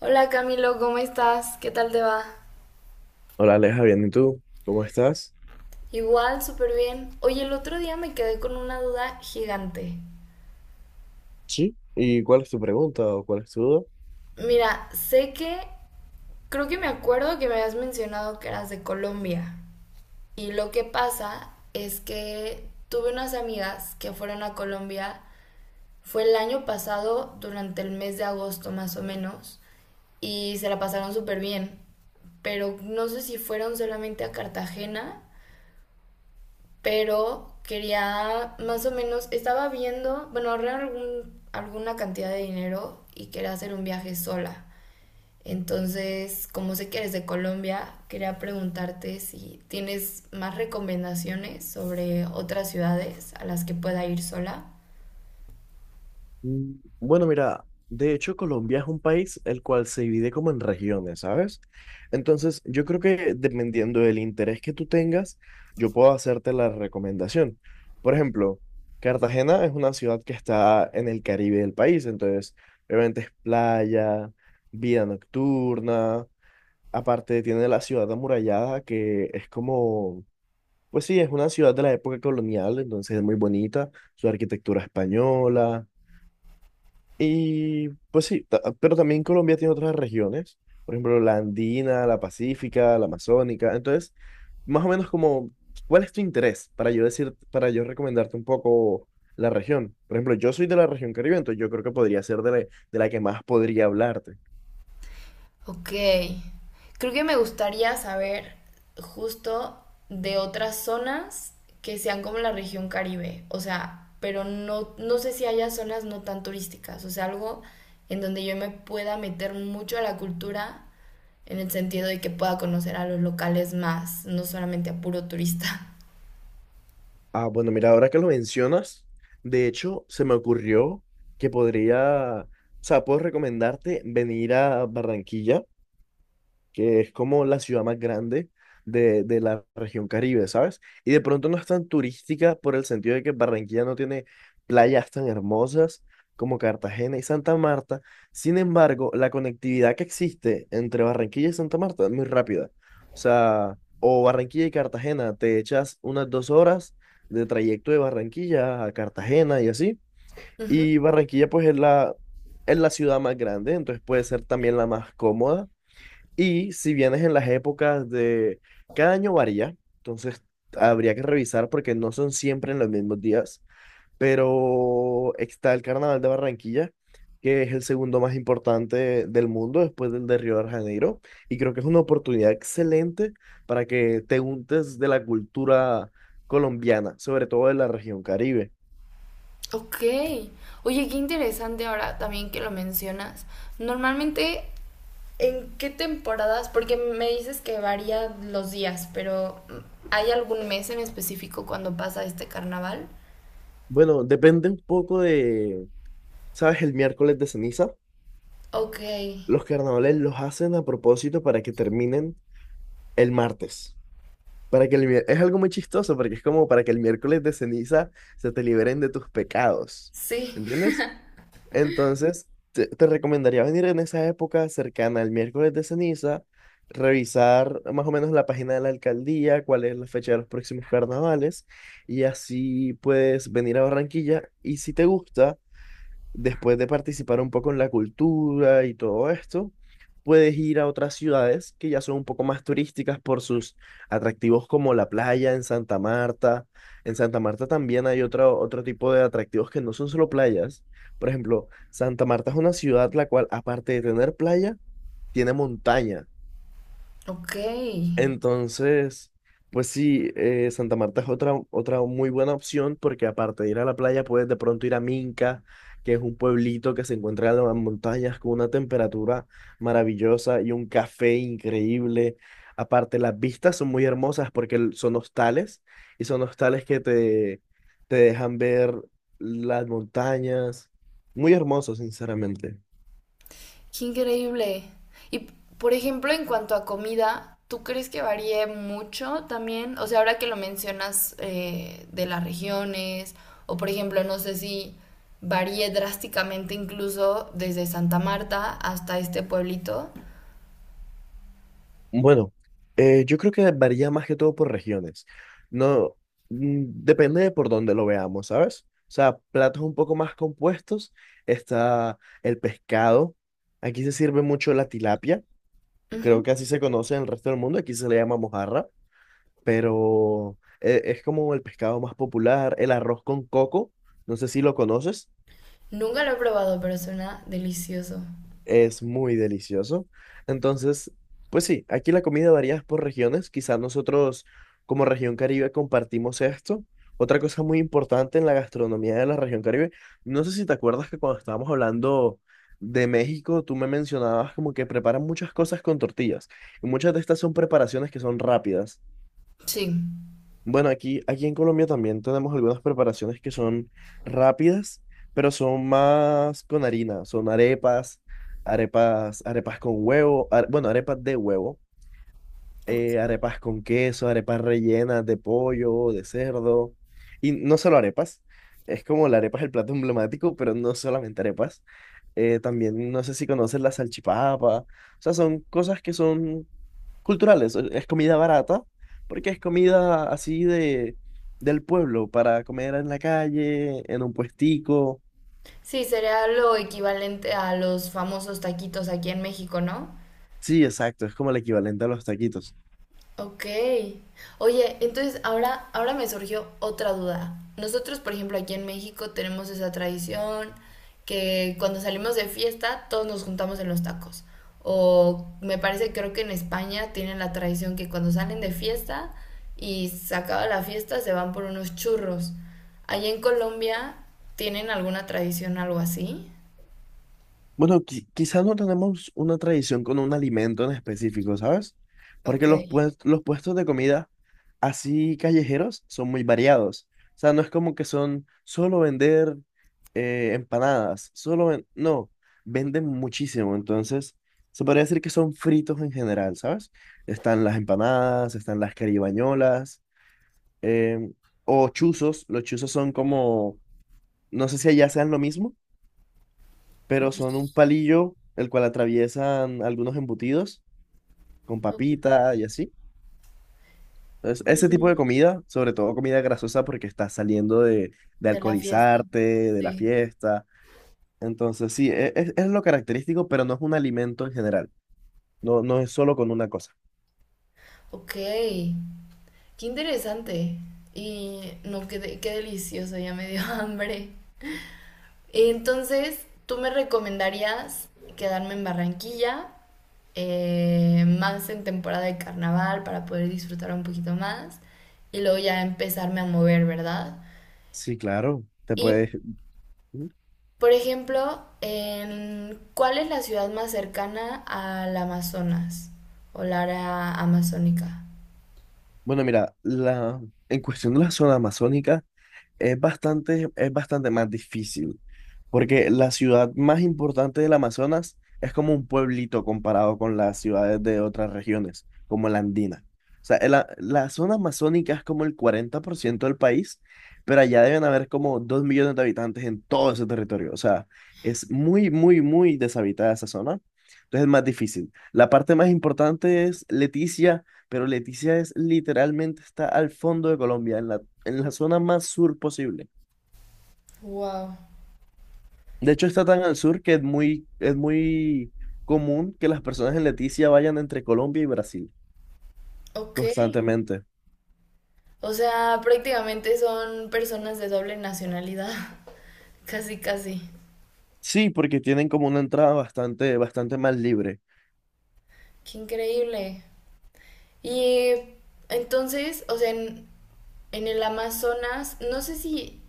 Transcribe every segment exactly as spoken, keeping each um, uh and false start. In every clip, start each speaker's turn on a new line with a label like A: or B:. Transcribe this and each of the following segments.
A: Hola Camilo, ¿cómo estás? ¿Qué tal te va?
B: Hola Aleja, bien, ¿y tú? ¿Cómo estás?
A: Igual, súper bien. Oye, el otro día me quedé con una duda gigante.
B: Sí, ¿y cuál es tu pregunta o cuál es tu duda?
A: Mira, sé que, creo que me acuerdo que me habías mencionado que eras de Colombia. Y lo que pasa es que tuve unas amigas que fueron a Colombia, fue el año pasado, durante el mes de agosto más o menos, y se la pasaron súper bien. Pero no sé si fueron solamente a Cartagena, pero quería más o menos, estaba viendo, bueno, ahorré algún, alguna cantidad de dinero y quería hacer un viaje sola. Entonces, como sé que eres de Colombia, quería preguntarte si tienes más recomendaciones sobre otras ciudades a las que pueda ir sola.
B: mm, bueno, mira, de hecho Colombia es un país el cual se divide como en regiones, ¿sabes? Entonces, yo creo que dependiendo del interés que tú tengas, yo puedo hacerte la recomendación. Por ejemplo, Cartagena es una ciudad que está en el Caribe del país, entonces, obviamente es playa, vida nocturna, aparte tiene la ciudad amurallada que es como... Pues sí, es una ciudad de la época colonial, entonces es muy bonita, su arquitectura española. Y pues sí, ta- pero también Colombia tiene otras regiones, por ejemplo, la andina, la pacífica, la amazónica. Entonces, más o menos como, ¿cuál es tu interés para yo decir, para yo recomendarte un poco la región? Por ejemplo, yo soy de la región Caribe, entonces yo creo que podría ser de la, de la que más podría hablarte.
A: Ok. Creo que me gustaría saber justo de otras zonas que sean como la región Caribe. O sea, pero no, no sé si haya zonas no tan turísticas. O sea, algo en donde yo me pueda meter mucho a la cultura en el sentido de que pueda conocer a los locales más, no solamente a puro turista.
B: Ah, bueno, mira, ahora que lo mencionas, de hecho, se me ocurrió que podría, o sea, puedo recomendarte venir a Barranquilla, que es como la ciudad más grande de, de la región Caribe, ¿sabes? Y de pronto no es tan turística por el sentido de que Barranquilla no tiene playas tan hermosas como Cartagena y Santa Marta. Sin embargo, la conectividad que existe entre Barranquilla y Santa Marta es muy rápida. O sea, o Barranquilla y Cartagena, te echas unas dos horas de trayecto de Barranquilla a Cartagena y así.
A: Ujú.
B: Y Barranquilla pues es la, es la, ciudad más grande, entonces puede ser también la más cómoda y si vienes en las épocas de... Cada año varía, entonces habría que revisar porque no son siempre en los mismos días, pero está el Carnaval de Barranquilla, que es el segundo más importante del mundo después del de Río de Janeiro, y creo que es una oportunidad excelente para que te untes de la cultura colombiana, sobre todo de la región Caribe.
A: Ok. Oye, qué interesante ahora también que lo mencionas. Normalmente, ¿en qué temporadas? Porque me dices que varía los días, pero ¿hay algún mes en específico cuando pasa este carnaval?
B: Bueno, depende un poco de, ¿sabes? El miércoles de ceniza.
A: Ok,
B: Los carnavales los hacen a propósito para que terminen el martes. Para que el mier- es algo muy chistoso porque es como para que el miércoles de ceniza se te liberen de tus pecados.
A: sí,
B: ¿Entiendes? Entonces, te, te recomendaría venir en esa época cercana al miércoles de ceniza, revisar más o menos la página de la alcaldía, cuál es la fecha de los próximos carnavales, y así puedes venir a Barranquilla. Y si te gusta después de participar un poco en la cultura y todo esto, puedes ir a otras ciudades que ya son un poco más turísticas por sus atractivos como la playa en Santa Marta. En Santa Marta también hay otro, otro tipo de atractivos que no son solo playas. Por ejemplo, Santa Marta es una ciudad la cual, aparte de tener playa, tiene montaña.
A: ok, qué
B: Entonces, pues sí, eh, Santa Marta es otra, otra muy buena opción porque aparte de ir a la playa, puedes de pronto ir a Minca, que es un pueblito que se encuentra en las montañas con una temperatura maravillosa y un café increíble. Aparte, las vistas son muy hermosas porque el- son hostales y son hostales que te, te dejan ver las montañas. Muy hermoso, sinceramente.
A: increíble. Y por ejemplo, en cuanto a comida, ¿tú crees que varíe mucho también? O sea, ahora que lo mencionas eh, de las regiones, o por ejemplo, no sé si varíe drásticamente incluso desde Santa Marta hasta este pueblito.
B: Bueno, eh, yo creo que varía más que todo por regiones. No, mm, depende de por dónde lo veamos, ¿sabes? O sea, platos un poco más compuestos, está el pescado. Aquí se sirve mucho la tilapia. Creo
A: Ujú.
B: que así se conoce en el resto del mundo. Aquí se le llama mojarra, pero eh, es como el pescado más popular. El arroz con coco, no sé si lo conoces.
A: Nunca lo he probado, pero suena delicioso.
B: Es muy delicioso. Entonces, pues sí, aquí la comida varía por regiones. Quizás nosotros como región Caribe compartimos esto. Otra cosa muy importante en la gastronomía de la región Caribe, no sé si te acuerdas que cuando estábamos hablando de México, tú me mencionabas como que preparan muchas cosas con tortillas y muchas de estas son preparaciones que son rápidas.
A: Sí.
B: Bueno, aquí, aquí en Colombia también tenemos algunas preparaciones que son rápidas, pero son más con harina. Son arepas, arepas, arepas con huevo, are- bueno, arepas de huevo, eh, arepas con queso, arepas rellenas de pollo, de cerdo. Y no solo arepas, es como la arepa es el plato emblemático, pero no solamente arepas. Eh, también no sé si conoces la salchipapa. O sea, son cosas que son culturales. Es es comida barata, porque es comida así de, del pueblo, para comer en la calle, en un puestico.
A: Sí, sería lo equivalente a los famosos taquitos aquí en México, ¿no?
B: Sí, exacto, es como el equivalente a los taquitos.
A: Ok. Oye, entonces ahora, ahora me surgió otra duda. Nosotros, por ejemplo, aquí en México tenemos esa tradición que cuando salimos de fiesta todos nos juntamos en los tacos. O me parece, creo que en España tienen la tradición que cuando salen de fiesta y se acaba la fiesta se van por unos churros. ¿Allá en Colombia tienen alguna tradición, algo así?
B: Bueno, qui- quizás no tenemos una tradición con un alimento en específico, ¿sabes?
A: Ok.
B: Porque los, pues- los puestos de comida así callejeros son muy variados. O sea, no es como que son solo vender eh, empanadas, solo ven- no, venden muchísimo. Entonces, se podría decir que son fritos en general, ¿sabes? Están las empanadas, están las caribañolas, em, o chuzos. Los chuzos son como, no sé si allá sean lo mismo, pero son un
A: Los-
B: palillo el cual atraviesan algunos embutidos con papita y así. Entonces, ese tipo de
A: los-
B: comida, sobre todo comida grasosa porque estás saliendo de, de
A: De la fiesta.
B: alcoholizarte, de la
A: Sí.
B: fiesta. Entonces, sí, e- es, es lo característico, pero no es un alimento en general. No, no es solo con una cosa.
A: Ok. Qué interesante. Y no, qué, de- qué delicioso, ya me dio hambre. Entonces, ¿tú me recomendarías quedarme en Barranquilla, eh, más en temporada de carnaval para poder disfrutar un poquito más y luego ya empezarme a mover, ¿verdad?
B: Sí, claro, te
A: Y,
B: puedes... Ujú.
A: por ejemplo, en, ¿cuál es la ciudad más cercana al Amazonas o la área amazónica?
B: Bueno, mira, la, en cuestión de la zona amazónica es bastante, es bastante más difícil. Porque la ciudad más importante del Amazonas es como un pueblito comparado con las ciudades de otras regiones, como la andina. O sea, el a- la zona amazónica es como el cuarenta por ciento del país, pero allá deben haber como dos millones de habitantes en todo ese territorio. O sea, es muy, muy, muy deshabitada esa zona. Entonces es más difícil. La parte más importante es Leticia, pero Leticia es literalmente está al fondo de Colombia, en la, en la zona más sur posible.
A: Wow.
B: De hecho, está tan al sur que es muy, es muy común que las personas en Leticia vayan entre Colombia y Brasil
A: Ok.
B: constantemente.
A: O sea, prácticamente son personas de doble nacionalidad. Casi, casi.
B: Sí, porque tienen como una entrada bastante, bastante más libre.
A: Qué increíble. Y entonces, o sea, en, en el Amazonas, no sé si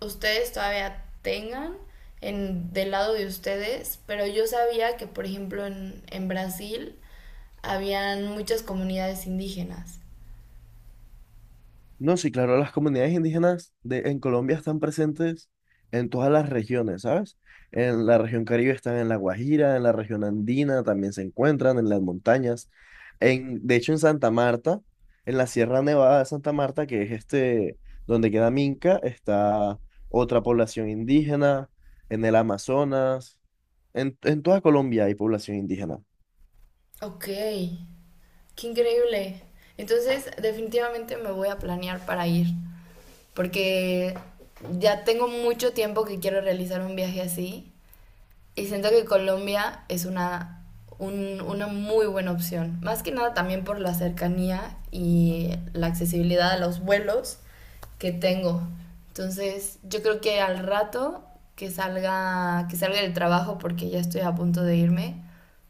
A: ustedes todavía tengan en, del lado de ustedes, pero yo sabía que, por ejemplo, en, en Brasil habían muchas comunidades indígenas.
B: No, sí, claro, las comunidades indígenas de, en Colombia están presentes en todas las regiones, ¿sabes? En la región Caribe están en La Guajira, en la región andina también se encuentran, en las montañas. En, de hecho, en Santa Marta, en la Sierra Nevada de Santa Marta, que es este, donde queda Minca, está otra población indígena, en el Amazonas, en, en toda Colombia hay población indígena.
A: Ok, qué increíble. Entonces, definitivamente me voy a planear para ir, porque ya tengo mucho tiempo que quiero realizar un viaje así y siento que Colombia es una, un- una muy buena opción. Más que nada también por la cercanía y la accesibilidad a los vuelos que tengo. Entonces, yo creo que al rato que salga, que salga del trabajo, porque ya estoy a punto de irme,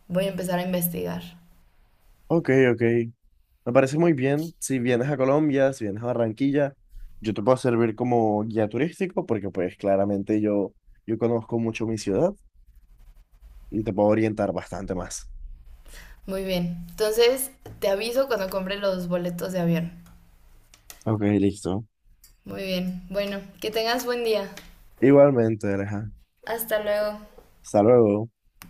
A: voy a empezar a investigar.
B: Ok, ok, me parece muy bien. Si vienes a Colombia, si vienes a Barranquilla, yo te puedo servir como guía turístico, porque pues claramente yo, yo conozco mucho mi ciudad y te puedo orientar bastante más.
A: Muy bien. Entonces, te aviso cuando compre los boletos de avión.
B: Ok, listo.
A: Muy bien. Bueno, que tengas buen día.
B: Igualmente, Aleja.
A: Hasta luego.
B: Hasta luego.